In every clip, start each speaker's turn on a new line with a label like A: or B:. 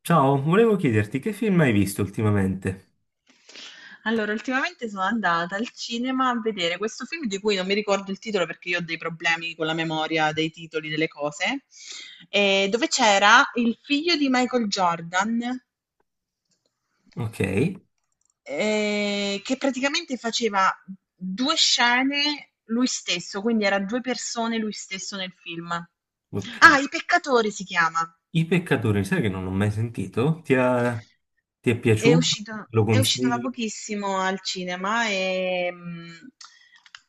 A: Ciao, volevo chiederti che film hai visto ultimamente?
B: Allora, ultimamente sono andata al cinema a vedere questo film di cui non mi ricordo il titolo perché io ho dei problemi con la memoria dei titoli delle cose, dove c'era il figlio di Michael Jordan,
A: Ok,
B: che praticamente faceva due scene lui stesso, quindi era due persone lui stesso nel film. Ah,
A: ok.
B: I Peccatori si chiama.
A: I peccatori, sai che non l'ho mai sentito? Ti è
B: È
A: piaciuto?
B: uscito,
A: Lo
B: è uscito da
A: consigli?
B: pochissimo al cinema e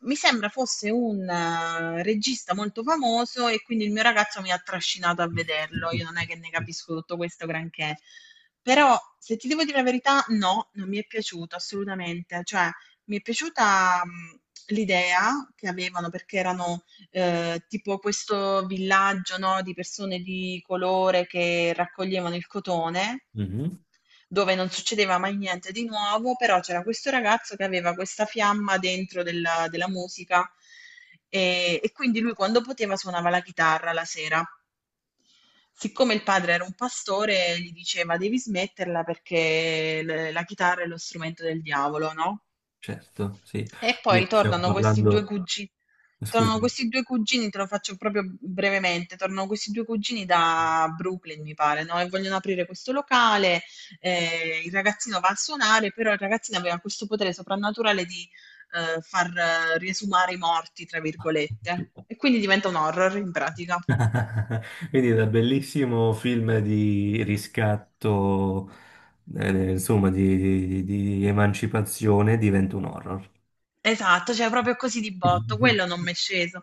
B: mi sembra fosse un regista molto famoso e quindi il mio ragazzo mi ha trascinato a vederlo. Io non è che ne capisco tutto questo granché, però se ti devo dire la verità, no, non mi è piaciuto assolutamente. Cioè, mi è piaciuta l'idea che avevano perché erano tipo questo villaggio, no, di persone di colore che raccoglievano il cotone
A: Mhm,
B: dove non succedeva mai niente di nuovo, però c'era questo ragazzo che aveva questa fiamma dentro della musica e quindi lui quando poteva suonava la chitarra la sera. Siccome il padre era un pastore, gli diceva devi smetterla perché la chitarra è lo strumento del diavolo, no?
A: certo, sì.
B: E poi
A: Quindi stiamo
B: tornano
A: parlando,
B: tornano
A: scusami.
B: questi due cugini, te lo faccio proprio brevemente, tornano questi due cugini da Brooklyn, mi pare, no? E vogliono aprire questo locale, il ragazzino va a suonare, però il ragazzino aveva questo potere soprannaturale di far riesumare i morti, tra virgolette, e quindi diventa un horror in pratica.
A: Quindi da bellissimo film di riscatto, insomma, di emancipazione diventa un horror.
B: Esatto, cioè proprio così di botto, quello non m'è sceso.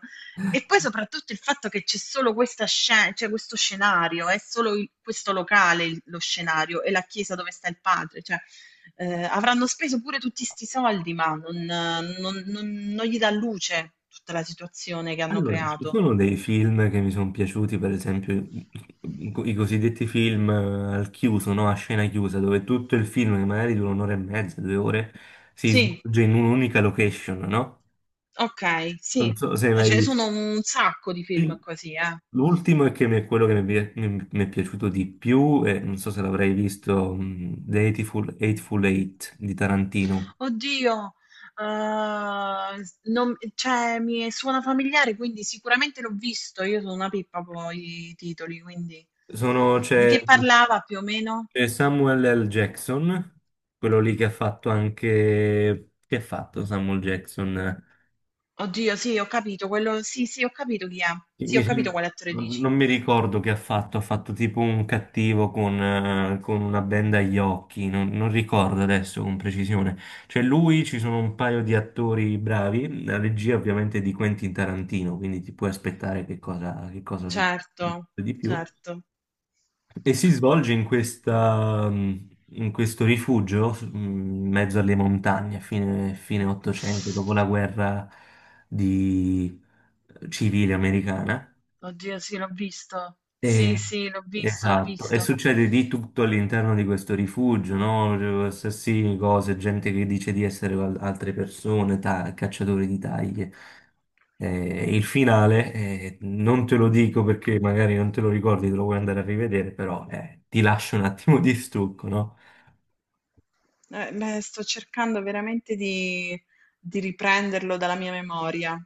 B: E poi soprattutto il fatto che c'è solo questa scena, cioè questo scenario, è solo questo locale lo scenario e la chiesa dove sta il padre, cioè avranno speso pure tutti sti soldi, ma non- non- non gli dà luce tutta la situazione che hanno
A: Allora, ci
B: creato.
A: sono dei film che mi sono piaciuti, per esempio i cosiddetti film, al chiuso, no? A scena chiusa, dove tutto il film, che magari dura un'ora e mezza, 2 ore, si
B: Sì,
A: svolge in un'unica location, no?
B: ok,
A: Non
B: sì,
A: so se hai
B: ma
A: mai
B: ce ne
A: visto.
B: sono un sacco di film così, eh.
A: L'ultimo è quello che mi è piaciuto di più, e non so se l'avrei visto, The Hateful Eight di Tarantino.
B: Oddio, s non cioè, mi suona familiare, quindi sicuramente l'ho visto. Io sono una pippa poi i titoli, quindi
A: Sono-
B: di
A: c'è
B: che parlava più o meno?
A: c'è Samuel L. Jackson, quello lì che ha fatto anche... Che ha fatto Samuel Jackson?
B: Oddio, sì, ho capito quello, sì, sì, ho capito chi è. Sì,
A: Mi
B: ho capito
A: sembra-
B: quale attore dici.
A: non mi ricordo che ha fatto, tipo un cattivo con una benda agli occhi, non ricordo adesso con precisione. Cioè lui, ci sono un paio di attori bravi, la regia ovviamente è di Quentin Tarantino, quindi ti puoi aspettare che cosa succede
B: Certo,
A: di più.
B: certo.
A: E si svolge in questa, in questo rifugio, in mezzo alle montagne, a fine 800, dopo la guerra di- civile americana.
B: Oddio, sì, l'ho visto.
A: Sì,
B: Sì, sì, l'ho visto, l'ho
A: esatto, e
B: visto.
A: succede di tutto all'interno di questo rifugio, no? Assassini, cose, gente che dice di essere altre persone, cacciatori di taglie. Il finale, non te lo dico perché magari non te lo ricordi, te lo vuoi andare a rivedere, però ti lascio un attimo di stucco, no?
B: Beh, sto cercando veramente di riprenderlo dalla mia memoria.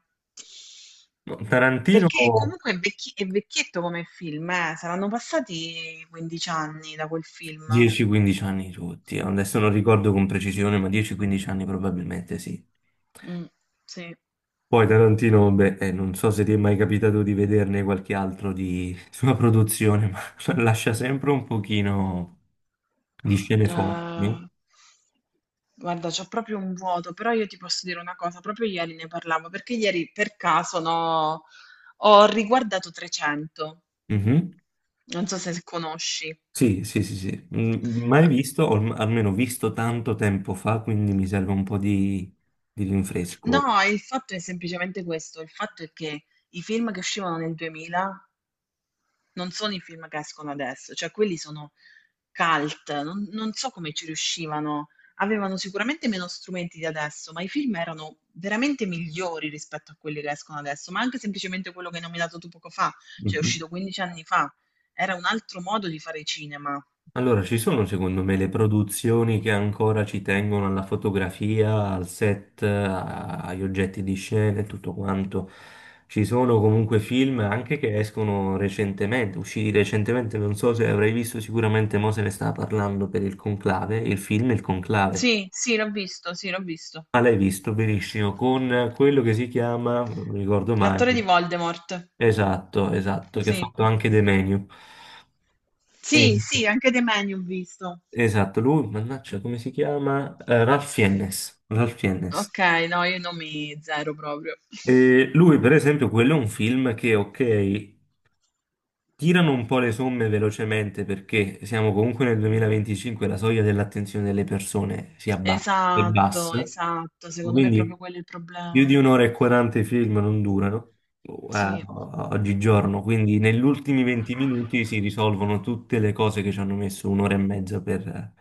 A: No, Tarantino
B: Perché comunque è vecchietto come film, saranno passati 15 anni da quel film.
A: 10-15 anni tutti, adesso non ricordo con precisione, ma 10-15 anni probabilmente sì.
B: Mm, sì.
A: Poi Tarantino, beh, non so se ti è mai capitato di vederne qualche altro di sua produzione, ma lascia sempre un pochino di scene forti, no?
B: Eh, guarda, c'ho proprio un vuoto, però io ti posso dire una cosa, proprio ieri ne parlavo, perché ieri per caso, no, ho riguardato 300,
A: Mhm.
B: non so se conosci.
A: Sì, sì, sì, sì. Mm, mai visto, o almeno visto tanto tempo fa, quindi mi serve un po' di rinfresco.
B: No, il fatto è semplicemente questo, il fatto è che i film che uscivano nel 2000 non sono i film che escono adesso, cioè quelli sono cult, non so come ci riuscivano. Avevano sicuramente meno strumenti di adesso, ma i film erano veramente migliori rispetto a quelli che escono adesso, ma anche semplicemente quello che hai nominato tu poco fa, cioè è
A: Mhm.
B: uscito 15 anni fa. Era un altro modo di fare cinema.
A: Allora, ci sono secondo me le produzioni che ancora ci tengono alla fotografia, al set, agli oggetti di scena e tutto quanto. Ci sono comunque film anche che escono recentemente, usciti recentemente, non so se avrai visto, sicuramente mo se ne stava parlando per il Conclave, il film Il Conclave.
B: Sì, sì, l'ho visto, sì, l'ho visto.
A: Ma l'hai visto benissimo, con quello che si chiama, non mi ricordo mai,
B: L'attore di Voldemort.
A: esatto, esatto, che ha
B: Sì.
A: fatto anche De Meniu.
B: Sì, sì, anche The Menu ho visto.
A: Esatto, lui, mannaggia, come si chiama? Ralph Fiennes. Ralph Fiennes.
B: Ok, no, io non mi zero proprio.
A: E lui, per esempio, quello è un film che, ok, tirano un po' le somme velocemente perché siamo comunque nel 2025, la soglia dell'attenzione delle persone si abbassa, è
B: Esatto,
A: bassa,
B: esatto, secondo me è proprio
A: quindi
B: quello il
A: più
B: problema.
A: di un'ora e 40 i film non durano, boh,
B: Sì,
A: oggigiorno, quindi negli ultimi 20 minuti si risolvono tutte le cose che ci hanno messo un'ora e mezza per,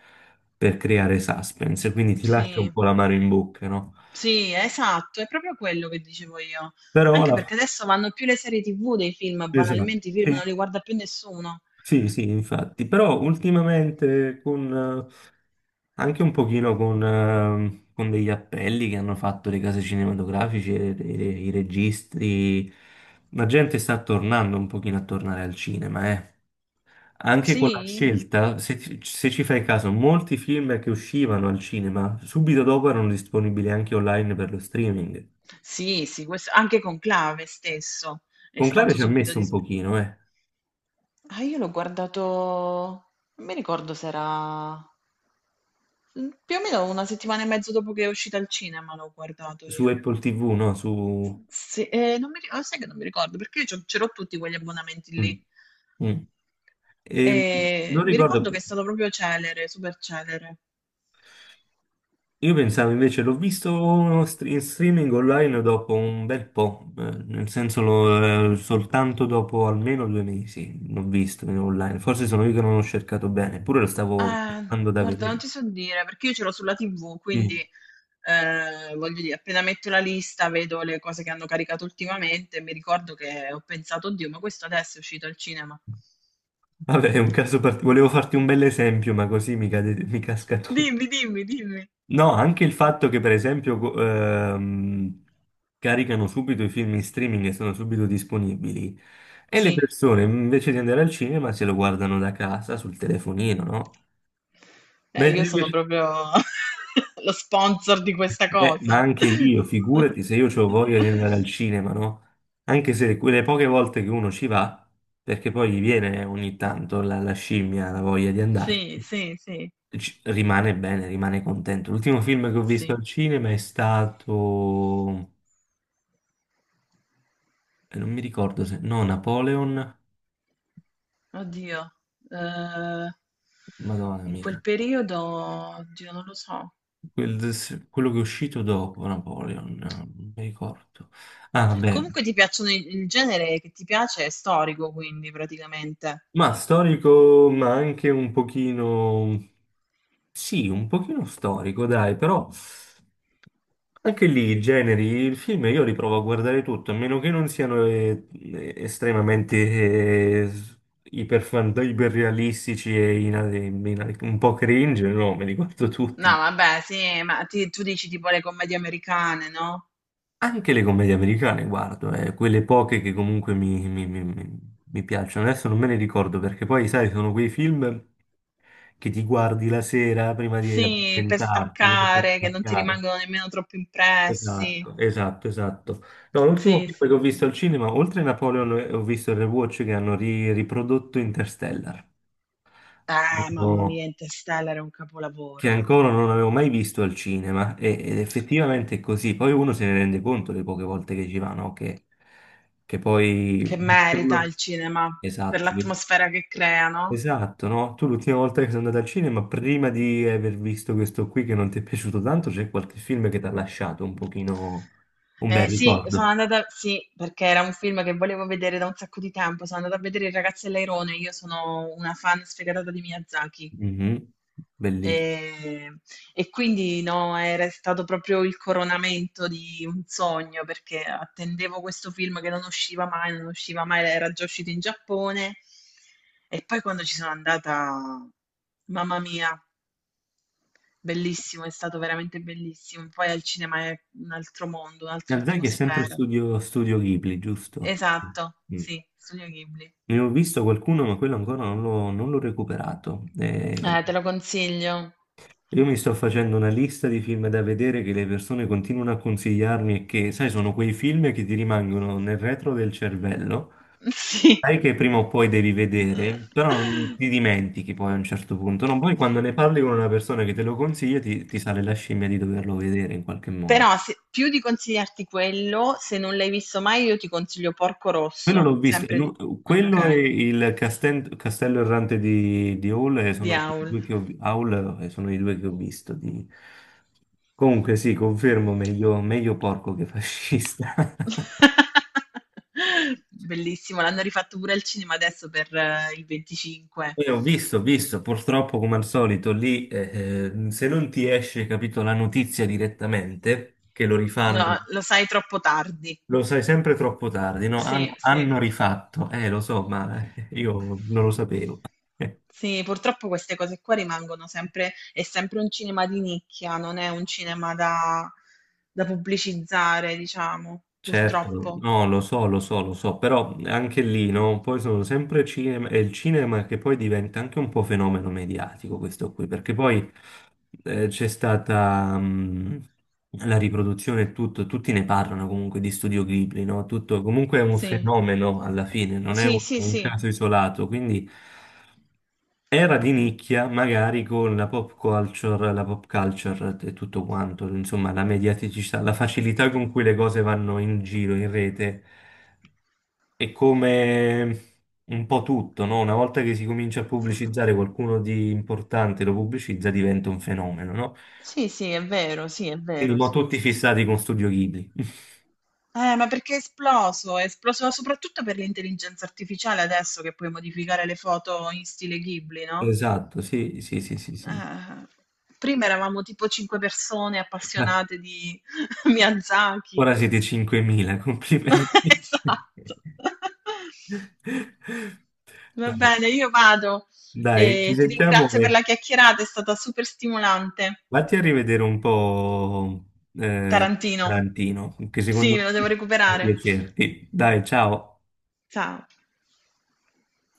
A: per creare suspense, quindi ti lascia un
B: sì,
A: po' l'amaro in bocca, no?
B: sì, esatto, è proprio quello che dicevo io.
A: Però
B: Anche
A: la.
B: perché adesso vanno più le serie TV dei film,
A: Esatto,
B: banalmente i
A: sì,
B: film non li guarda più nessuno.
A: sì, sì, infatti, però ultimamente con... Anche un pochino con degli appelli che hanno fatto le case cinematografiche, i registi. La gente sta tornando un pochino a tornare al cinema, eh. Anche con la
B: Sì?
A: scelta, se ci fai caso, molti film che uscivano al cinema subito dopo erano disponibili anche online per lo streaming.
B: Sì, sì, questo, anche Conclave stesso è
A: Conclave
B: stato
A: ci ha
B: subito
A: messo un
B: disponibile.
A: pochino, eh.
B: Ah, io l'ho guardato, non mi ricordo se era più o meno una settimana e mezzo dopo che è uscita al cinema, l'ho guardato
A: Su
B: io.
A: Apple TV, no? Su...
B: S sì, non mi ri ah, sai che non mi ricordo, perché io c'ho ce l'ho tutti quegli abbonamenti
A: Mm,
B: lì.
A: mm. E non
B: Mi
A: ricordo...
B: ricordo che è stato proprio celere, super celere.
A: Io pensavo invece, l'ho visto in streaming online dopo un bel po', nel senso soltanto dopo almeno 2 mesi l'ho visto in online, forse sono io che non l'ho cercato bene, eppure lo stavo cercando da
B: Guarda, non
A: vedere.
B: ti so dire, perché io ce l'ho sulla TV,
A: Mm.
B: quindi, voglio dire, appena metto la lista, vedo le cose che hanno caricato ultimamente e mi ricordo che ho pensato: "Oddio, ma questo adesso è uscito al cinema".
A: Vabbè, è un caso particolare, volevo farti un bel esempio, ma così mi casca tutto.
B: Dimmi, dimmi, dimmi.
A: No, anche il fatto che per esempio caricano subito i film in streaming e sono subito disponibili e le
B: Sì.
A: persone invece di andare al cinema se lo guardano da casa sul telefonino, no? Mentre
B: Io sono
A: Invece,
B: proprio lo sponsor di questa
A: ma
B: cosa.
A: anche io, figurati se io ho voglia di andare al cinema, no? Anche se quelle poche volte che uno ci va, perché poi gli viene ogni tanto la, scimmia, la voglia di
B: Sì,
A: andarci,
B: sì, sì,
A: rimane bene, rimane contento. L'ultimo film che ho visto
B: sì.
A: al cinema è stato... non mi ricordo se... No, Napoleon,
B: Oddio. Eh,
A: Madonna
B: in quel
A: mia.
B: periodo, oddio, non lo so.
A: Quello che è uscito dopo Napoleon, no, non mi ricordo. Ah, vabbè.
B: Comunque ti piacciono il genere che ti piace è storico, quindi praticamente.
A: Ma storico, ma anche un pochino... Sì, un pochino storico, dai, però... Anche lì i generi, il film io li provo a guardare tutto, a meno che non siano estremamente iperrealistici e un po' cringe, no, me li guardo
B: No,
A: tutti.
B: vabbè, sì, ma tu dici tipo le commedie americane, no?
A: Anche le commedie americane guardo, quelle poche che comunque mi piacciono. Adesso non me ne ricordo perché poi, sai, sono quei film che ti guardi la sera prima di
B: Sì, per
A: addormentarti, no? Per
B: staccare, che non ti
A: staccare.
B: rimangono nemmeno troppo impressi.
A: Esatto, esatto, esatto. No, l'ultimo
B: Sì,
A: film che
B: sì,
A: ho
B: sì.
A: visto al cinema, oltre a Napoleon, ho visto il rewatch che hanno riprodotto Interstellar.
B: Mamma mia,
A: No.
B: Interstellar è un
A: Che
B: capolavoro.
A: ancora non avevo mai visto al cinema e- ed effettivamente è così. Poi uno se ne rende conto le poche volte che ci va, no? Che poi
B: Che merita
A: vederlo.
B: il cinema per
A: Esatto,
B: l'atmosfera che crea, no?
A: esatto, no? Tu l'ultima volta che sei andato al cinema, prima di aver visto questo qui che non ti è piaciuto tanto, c'è qualche film che ti ha lasciato un pochino un bel
B: Sì, sono
A: ricordo.
B: andata, sì, perché era un film che volevo vedere da un sacco di tempo. Sono andata a vedere Il ragazzo e l'airone. Io sono una fan sfegatata di Miyazaki.
A: Mhm, bellissimo.
B: E, e quindi no, era stato proprio il coronamento di un sogno perché attendevo questo film che non usciva mai, non usciva mai, era già uscito in Giappone. E poi quando ci sono andata, mamma mia, bellissimo, è stato veramente bellissimo. Poi al cinema è un altro mondo, un'altra
A: Miyazaki è sempre
B: atmosfera.
A: Studio Ghibli, giusto?
B: Esatto,
A: Mm.
B: sì, Studio Ghibli.
A: Ne ho visto qualcuno, ma quello ancora non l'ho recuperato.
B: Te lo consiglio.
A: Io mi sto facendo una lista di film da vedere che le persone continuano a consigliarmi e che, sai, sono quei film che ti rimangono nel retro del cervello.
B: Sì.
A: Sai che prima o poi devi vedere, però non ti dimentichi poi a un certo punto. No, poi quando ne parli con una persona che te lo consiglia, ti sale la scimmia di doverlo vedere in qualche modo.
B: Però più di consigliarti quello, se non l'hai visto mai, io ti consiglio Porco
A: Quello
B: Rosso,
A: l'ho visto,
B: sempre di...
A: quello
B: Ok,
A: e Castello Errante di Hall,
B: di
A: sono i
B: Howl.
A: due che Howl, sono i due che ho visto. Comunque sì, confermo, meglio, meglio porco che fascista.
B: Bellissimo, l'hanno rifatto pure al cinema adesso per il 25.
A: Ho visto, purtroppo come al solito lì, se non ti esce, capito, la notizia direttamente, che lo rifanno,
B: No, lo sai troppo tardi.
A: lo sai sempre troppo tardi, no?
B: Sì,
A: Hanno,
B: sì.
A: hanno rifatto, lo so, ma io non lo sapevo.
B: Sì, purtroppo queste cose qua rimangono sempre, è sempre un cinema di nicchia, non è un cinema da pubblicizzare, diciamo,
A: Certo,
B: purtroppo.
A: no, lo so, lo so, lo so, però anche lì, no? Poi sono sempre cinema, è il cinema che poi diventa anche un po' fenomeno mediatico questo qui, perché poi c'è stata la riproduzione e tutto, tutti ne parlano comunque di Studio Ghibli, no? Tutto comunque è un
B: Sì.
A: fenomeno alla fine, non è
B: Sì,
A: un,
B: sì,
A: un
B: sì.
A: caso isolato, quindi... Era di nicchia, magari con la pop culture e tutto quanto, insomma, la mediaticità, la facilità con cui le cose vanno in giro, in rete, e come un po' tutto, no? Una volta che si comincia a pubblicizzare qualcuno di importante lo pubblicizza, diventa un fenomeno, no?
B: Sì, sì, è vero, sì, è
A: Quindi
B: vero,
A: mo
B: sì.
A: tutti fissati con Studio Ghibli.
B: Ma perché è esploso? È esploso soprattutto per l'intelligenza artificiale adesso che puoi modificare le foto in stile Ghibli, no?
A: Esatto, sì, sì, sì, sì, sì.
B: Eh, prima eravamo tipo cinque persone
A: Ecco,
B: appassionate di Miyazaki.
A: ora siete 5.000, complimenti.
B: Esatto. Va
A: Dai.
B: bene, io vado.
A: Dai, ci
B: Ti
A: sentiamo
B: ringrazio per la
A: e
B: chiacchierata, è stata super stimolante.
A: vatti a rivedere un po' eh,
B: Tarantino.
A: Tarantino, che
B: Sì,
A: secondo
B: me lo devo
A: me può
B: recuperare.
A: piacerti. Dai, ciao.
B: Ciao.